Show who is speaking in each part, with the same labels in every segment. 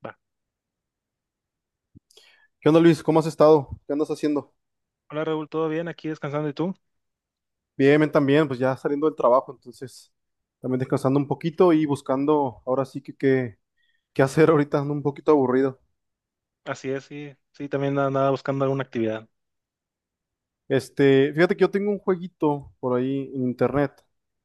Speaker 1: Va.
Speaker 2: ¿Qué onda, Luis? ¿Cómo has estado? ¿Qué andas haciendo?
Speaker 1: Hola Raúl, ¿todo bien? Aquí descansando, ¿y tú?
Speaker 2: Bien, bien, también, pues ya saliendo del trabajo, entonces también descansando un poquito y buscando ahora sí que qué hacer ahorita, ando un poquito aburrido.
Speaker 1: Así es, sí, sí, también andaba buscando alguna actividad.
Speaker 2: Fíjate que yo tengo un jueguito por ahí en internet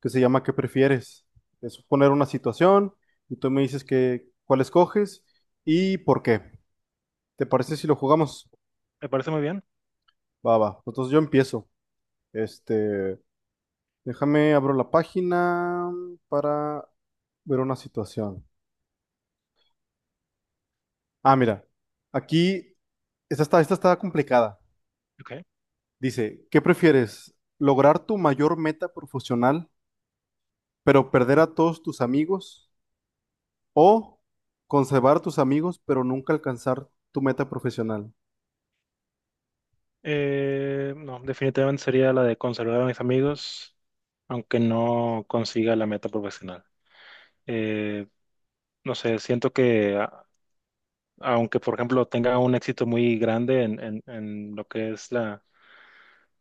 Speaker 2: que se llama ¿qué prefieres? Es poner una situación y tú me dices que cuál escoges y por qué. ¿Te parece si lo jugamos?
Speaker 1: Me parece muy bien.
Speaker 2: Va, va. Entonces yo empiezo. Este, Déjame abro la página para ver una situación. Ah, mira, aquí esta está complicada.
Speaker 1: Ok.
Speaker 2: Dice, ¿qué prefieres? ¿Lograr tu mayor meta profesional, pero perder a todos tus amigos? ¿O conservar a tus amigos, pero nunca alcanzar tu meta profesional?
Speaker 1: No, definitivamente sería la de conservar a mis amigos, aunque no consiga la meta profesional. Eh, no sé, siento que aunque, por ejemplo, tenga un éxito muy grande en en lo que es la,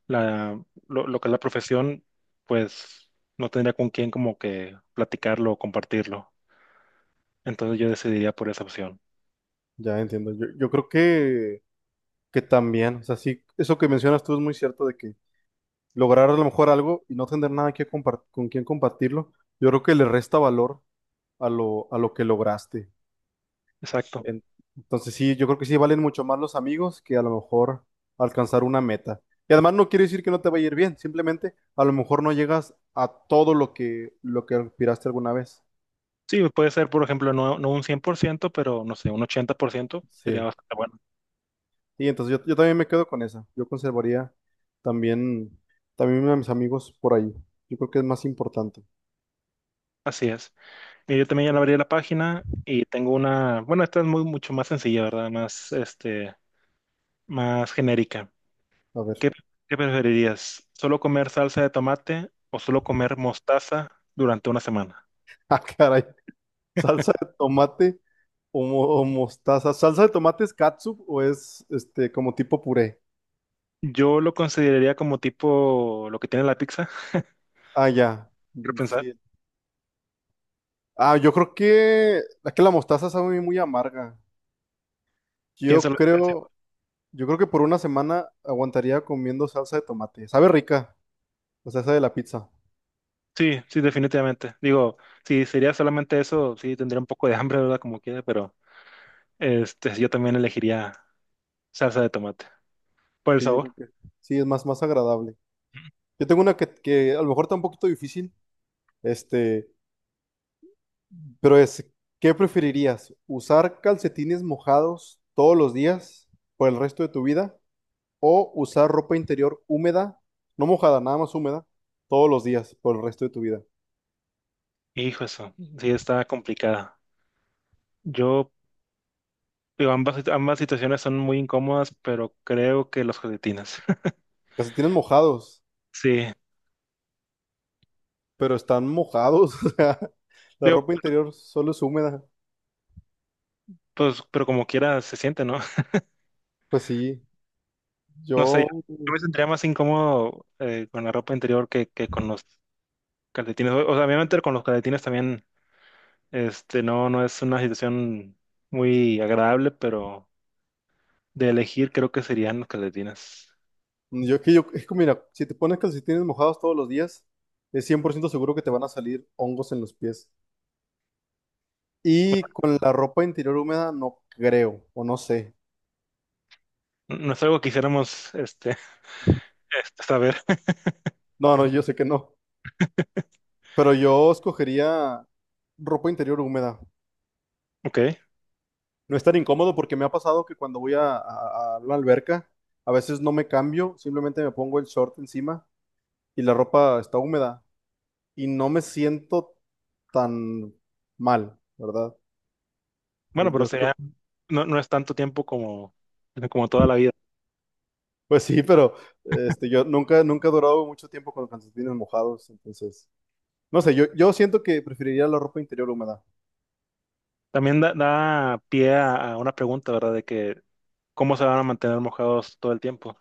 Speaker 1: la lo que es la profesión, pues no tendría con quién como que platicarlo o compartirlo. Entonces yo decidiría por esa opción.
Speaker 2: Ya entiendo. Yo creo que también, o sea, sí, eso que mencionas tú es muy cierto de que lograr a lo mejor algo y no tener nada que con quien compartirlo, yo creo que le resta valor a lo que lograste.
Speaker 1: Exacto.
Speaker 2: En- Entonces sí, yo creo que sí valen mucho más los amigos que a lo mejor alcanzar una meta. Y además no quiere decir que no te vaya a ir bien, simplemente a lo mejor no llegas a todo lo que aspiraste alguna vez.
Speaker 1: Sí, puede ser, por ejemplo, no un 100%, pero no sé, un 80% sería
Speaker 2: Sí.
Speaker 1: bastante bueno.
Speaker 2: Y entonces yo también me quedo con esa. Yo conservaría también también a mis amigos por ahí. Yo creo que es más importante.
Speaker 1: Así es. Y yo también ya le abrí la página y tengo una, bueno, esta es muy mucho más sencilla, ¿verdad? Más, este, más genérica.
Speaker 2: A ver.
Speaker 1: ¿Qué, ¿qué preferirías? ¿Solo comer salsa de tomate o solo comer mostaza durante una semana?
Speaker 2: Ah, caray. ¿Salsa de tomate o, o mostaza? ¿Salsa de tomate es catsup o es este como tipo puré?
Speaker 1: Yo lo consideraría como tipo lo que tiene la pizza,
Speaker 2: Ah, ya.
Speaker 1: quiero pensar.
Speaker 2: Sí, ah, yo creo que es que la mostaza sabe muy amarga. Yo
Speaker 1: Piénsalo.
Speaker 2: creo, yo creo que por una semana aguantaría comiendo salsa de tomate. Sabe rica, la salsa de la pizza.
Speaker 1: Sí, sí, definitivamente. Digo, si sería solamente eso, sí tendría un poco de hambre, ¿verdad? Como quiera, pero... Este, yo también elegiría salsa de tomate por el
Speaker 2: Sí, yo
Speaker 1: sabor.
Speaker 2: creo que sí, es más agradable. Yo tengo una que a lo mejor está un poquito difícil, este, pero es, ¿qué preferirías? ¿Usar calcetines mojados todos los días por el resto de tu vida o usar ropa interior húmeda, no mojada, nada más húmeda, todos los días por el resto de tu vida?
Speaker 1: Hijo, eso sí está complicada. Yo, digo, ambas situaciones son muy incómodas, pero creo que los josetinas.
Speaker 2: Calcetines mojados.
Speaker 1: Sí,
Speaker 2: Pero están mojados, o sea, la
Speaker 1: digo,
Speaker 2: ropa interior solo es húmeda.
Speaker 1: pues, pero como quiera se siente, ¿no?
Speaker 2: Pues sí,
Speaker 1: No sé,
Speaker 2: yo, mm,
Speaker 1: yo me sentiría más incómodo con la ropa interior que con los calcetines. O sea, obviamente con los calcetines también, este, no es una situación muy agradable, pero de elegir creo que serían los calcetines.
Speaker 2: yo, es que mira, si te pones calcetines mojados todos los días, es 100% seguro que te van a salir hongos en los pies. Y con la ropa interior húmeda, no creo, o no sé.
Speaker 1: No no es algo que quisiéramos, este. Este, saber,
Speaker 2: No, no, yo sé que no, pero yo escogería ropa interior húmeda.
Speaker 1: ok.
Speaker 2: No es tan incómodo porque me ha pasado que cuando voy a la alberca, a veces no me cambio, simplemente me pongo el short encima y la ropa está húmeda. Y no me siento tan mal, ¿verdad?
Speaker 1: Bueno,
Speaker 2: Entonces
Speaker 1: pero sería, no, no es tanto tiempo como, como toda la vida.
Speaker 2: pues sí, pero yo nunca he durado mucho tiempo con los calcetines mojados, entonces, no sé, yo siento que preferiría la ropa interior húmeda,
Speaker 1: También da pie a una pregunta, ¿verdad? De que, ¿cómo se van a mantener mojados todo el tiempo?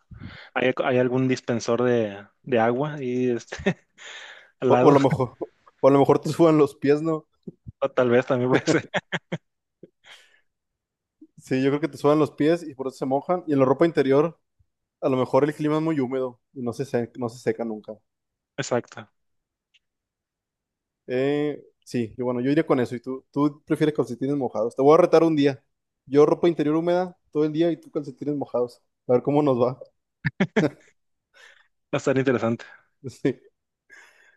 Speaker 1: ¿Hay algún dispensor de agua y este, al
Speaker 2: o a
Speaker 1: lado?
Speaker 2: lo mejor, o a lo mejor te sudan los pies, ¿no?
Speaker 1: O tal vez también puede ser.
Speaker 2: Sí, yo creo que te sudan los pies y por eso se mojan, y en la ropa interior, a lo mejor el clima es muy húmedo y no no se seca nunca.
Speaker 1: Exacto. Va
Speaker 2: Sí, yo, bueno, yo iría con eso. ¿Y tú prefieres calcetines mojados? Te voy a retar un día. Yo ropa interior húmeda todo el día y tú calcetines mojados. A ver cómo nos va.
Speaker 1: a estar interesante.
Speaker 2: Sí.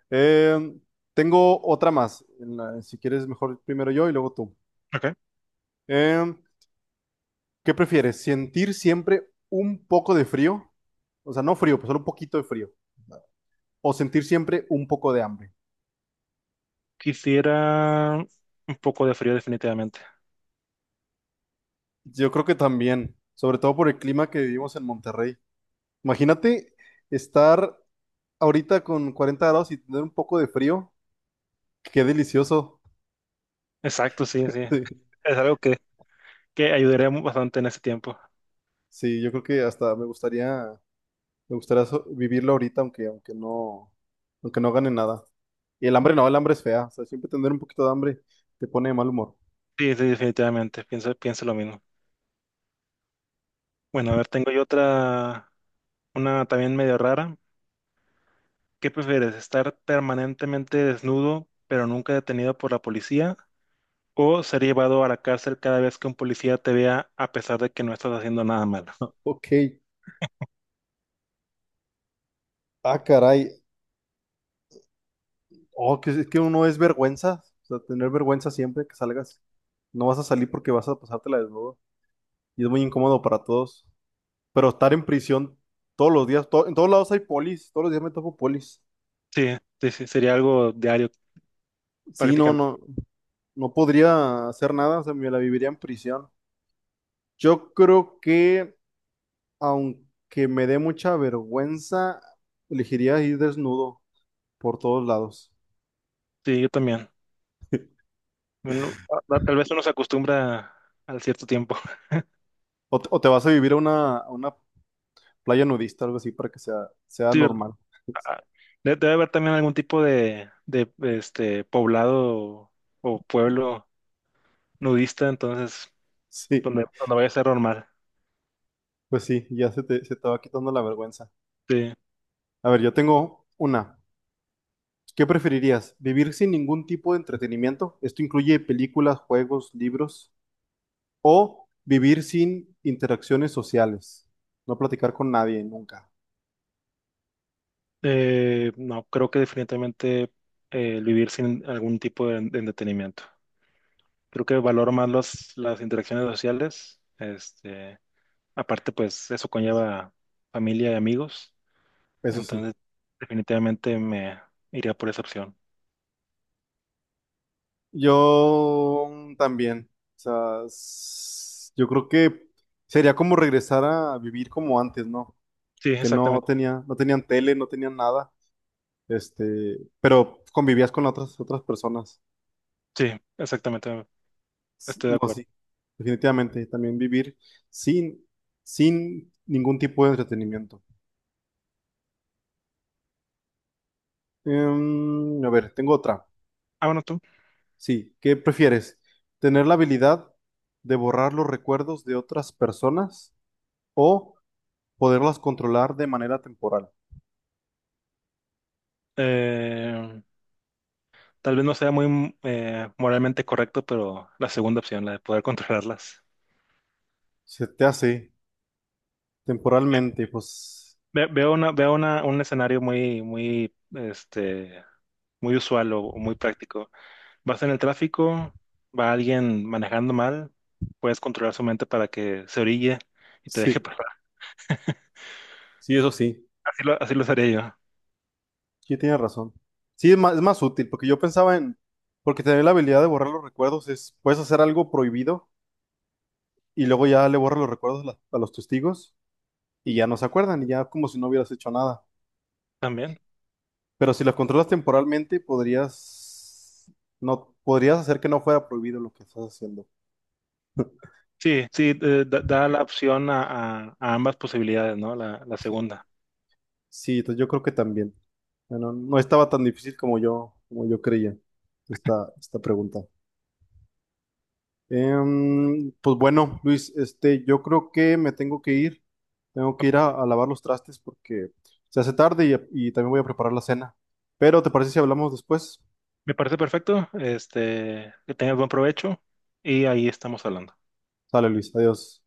Speaker 2: Eh, tengo otra más. Si quieres, mejor primero yo y luego tú.
Speaker 1: Ok.
Speaker 2: Eh, ¿Qué prefieres? ¿Sentir siempre un poco de frío? O sea, no frío, pues solo un poquito de frío. O sentir siempre un poco de hambre.
Speaker 1: Quisiera un poco de frío definitivamente.
Speaker 2: Yo creo que también, sobre todo por el clima que vivimos en Monterrey. Imagínate estar ahorita con 40 grados y tener un poco de frío, qué delicioso.
Speaker 1: Exacto, sí, sí.
Speaker 2: Sí,
Speaker 1: Es algo que, que ayudaría bastante en ese tiempo.
Speaker 2: sí, yo creo que hasta me gustaría, vivirlo ahorita, aunque no gane nada. Y el hambre no, el hambre es fea. O sea, siempre tener un poquito de hambre te pone de mal humor.
Speaker 1: Sí, sí, definitivamente. Pienso, pienso lo mismo. Bueno, a ver, tengo yo otra, una también medio rara. ¿Qué prefieres, estar permanentemente desnudo, pero nunca detenido por la policía? ¿O ser llevado a la cárcel cada vez que un policía te vea a pesar de que no estás haciendo nada malo?
Speaker 2: Ok. Ah, caray. Oh, que es que uno es vergüenza. O sea, tener vergüenza siempre que salgas. No vas a salir porque vas a pasártela desnudo. Y es muy incómodo para todos. Pero estar en prisión todos los días, en todos lados hay polis. Todos los días me topo polis.
Speaker 1: Sí, sí, sí, sería algo diario
Speaker 2: Sí, no,
Speaker 1: prácticamente.
Speaker 2: no, no podría hacer nada, o sea, me la viviría en prisión. Yo creo que, aunque me dé mucha vergüenza, elegiría ir desnudo por todos lados.
Speaker 1: Sí, yo también. Bueno, tal vez uno se acostumbra al cierto tiempo.
Speaker 2: O te vas a vivir a a una playa nudista, algo así, para que sea
Speaker 1: Sí, ¿verdad?
Speaker 2: normal.
Speaker 1: Ah, ah, debe haber también algún tipo de este, poblado o pueblo nudista, entonces,
Speaker 2: Sí,
Speaker 1: donde vaya a ser normal.
Speaker 2: pues sí, ya se te va quitando la vergüenza.
Speaker 1: Sí,
Speaker 2: A ver, yo tengo una. ¿Qué preferirías? ¿Vivir sin ningún tipo de entretenimiento? Esto incluye películas, juegos, libros. O vivir sin interacciones sociales. No platicar con nadie nunca.
Speaker 1: no, creo que definitivamente el vivir sin algún tipo de entretenimiento. Creo que valoro más las interacciones sociales. Este, aparte, pues eso conlleva familia y amigos.
Speaker 2: Eso sí.
Speaker 1: Entonces, definitivamente me iría por esa opción.
Speaker 2: Yo también. O sea, yo creo que sería como regresar a vivir como antes, ¿no?
Speaker 1: Sí,
Speaker 2: Que
Speaker 1: exactamente.
Speaker 2: no tenían tele, no tenían nada. Este, pero convivías con otras personas.
Speaker 1: Sí, exactamente. Estoy de
Speaker 2: No,
Speaker 1: acuerdo.
Speaker 2: sí. Definitivamente. También vivir sin, sin ningún tipo de entretenimiento. Em, a ver, tengo otra.
Speaker 1: Ah, bueno, tú.
Speaker 2: Sí, ¿qué prefieres? ¿Tener la habilidad de borrar los recuerdos de otras personas o poderlas controlar de manera temporal?
Speaker 1: Eh, Tal vez no sea muy moralmente correcto, pero la segunda opción, la de poder controlarlas.
Speaker 2: Se te hace temporalmente, pues
Speaker 1: Veo una, un escenario muy, muy, este, muy usual o muy práctico. Vas en el tráfico, va alguien manejando mal, puedes controlar su mente para que se orille y te deje
Speaker 2: sí,
Speaker 1: pasar.
Speaker 2: sí, eso sí,
Speaker 1: Así lo haría yo
Speaker 2: sí tienes razón. Sí, es es más útil, porque yo pensaba en, porque tener la habilidad de borrar los recuerdos es, puedes hacer algo prohibido y luego ya le borras los recuerdos a los testigos y ya no se acuerdan y ya como si no hubieras hecho nada.
Speaker 1: también.
Speaker 2: Pero si las controlas temporalmente, podrías, no, podrías hacer que no fuera prohibido lo que estás haciendo.
Speaker 1: Sí, sí, da, da la opción a, a ambas posibilidades, ¿no? La
Speaker 2: Sí.
Speaker 1: segunda.
Speaker 2: Sí, entonces yo creo que también. Bueno, no estaba tan difícil como como yo creía esta pregunta. Em, pues bueno, Luis, yo creo que me tengo que ir. Tengo que ir a lavar los trastes porque se hace tarde y también voy a preparar la cena. Pero ¿te parece si hablamos después?
Speaker 1: Me parece perfecto, este, que tengas buen provecho y ahí estamos hablando.
Speaker 2: Sale, Luis, adiós.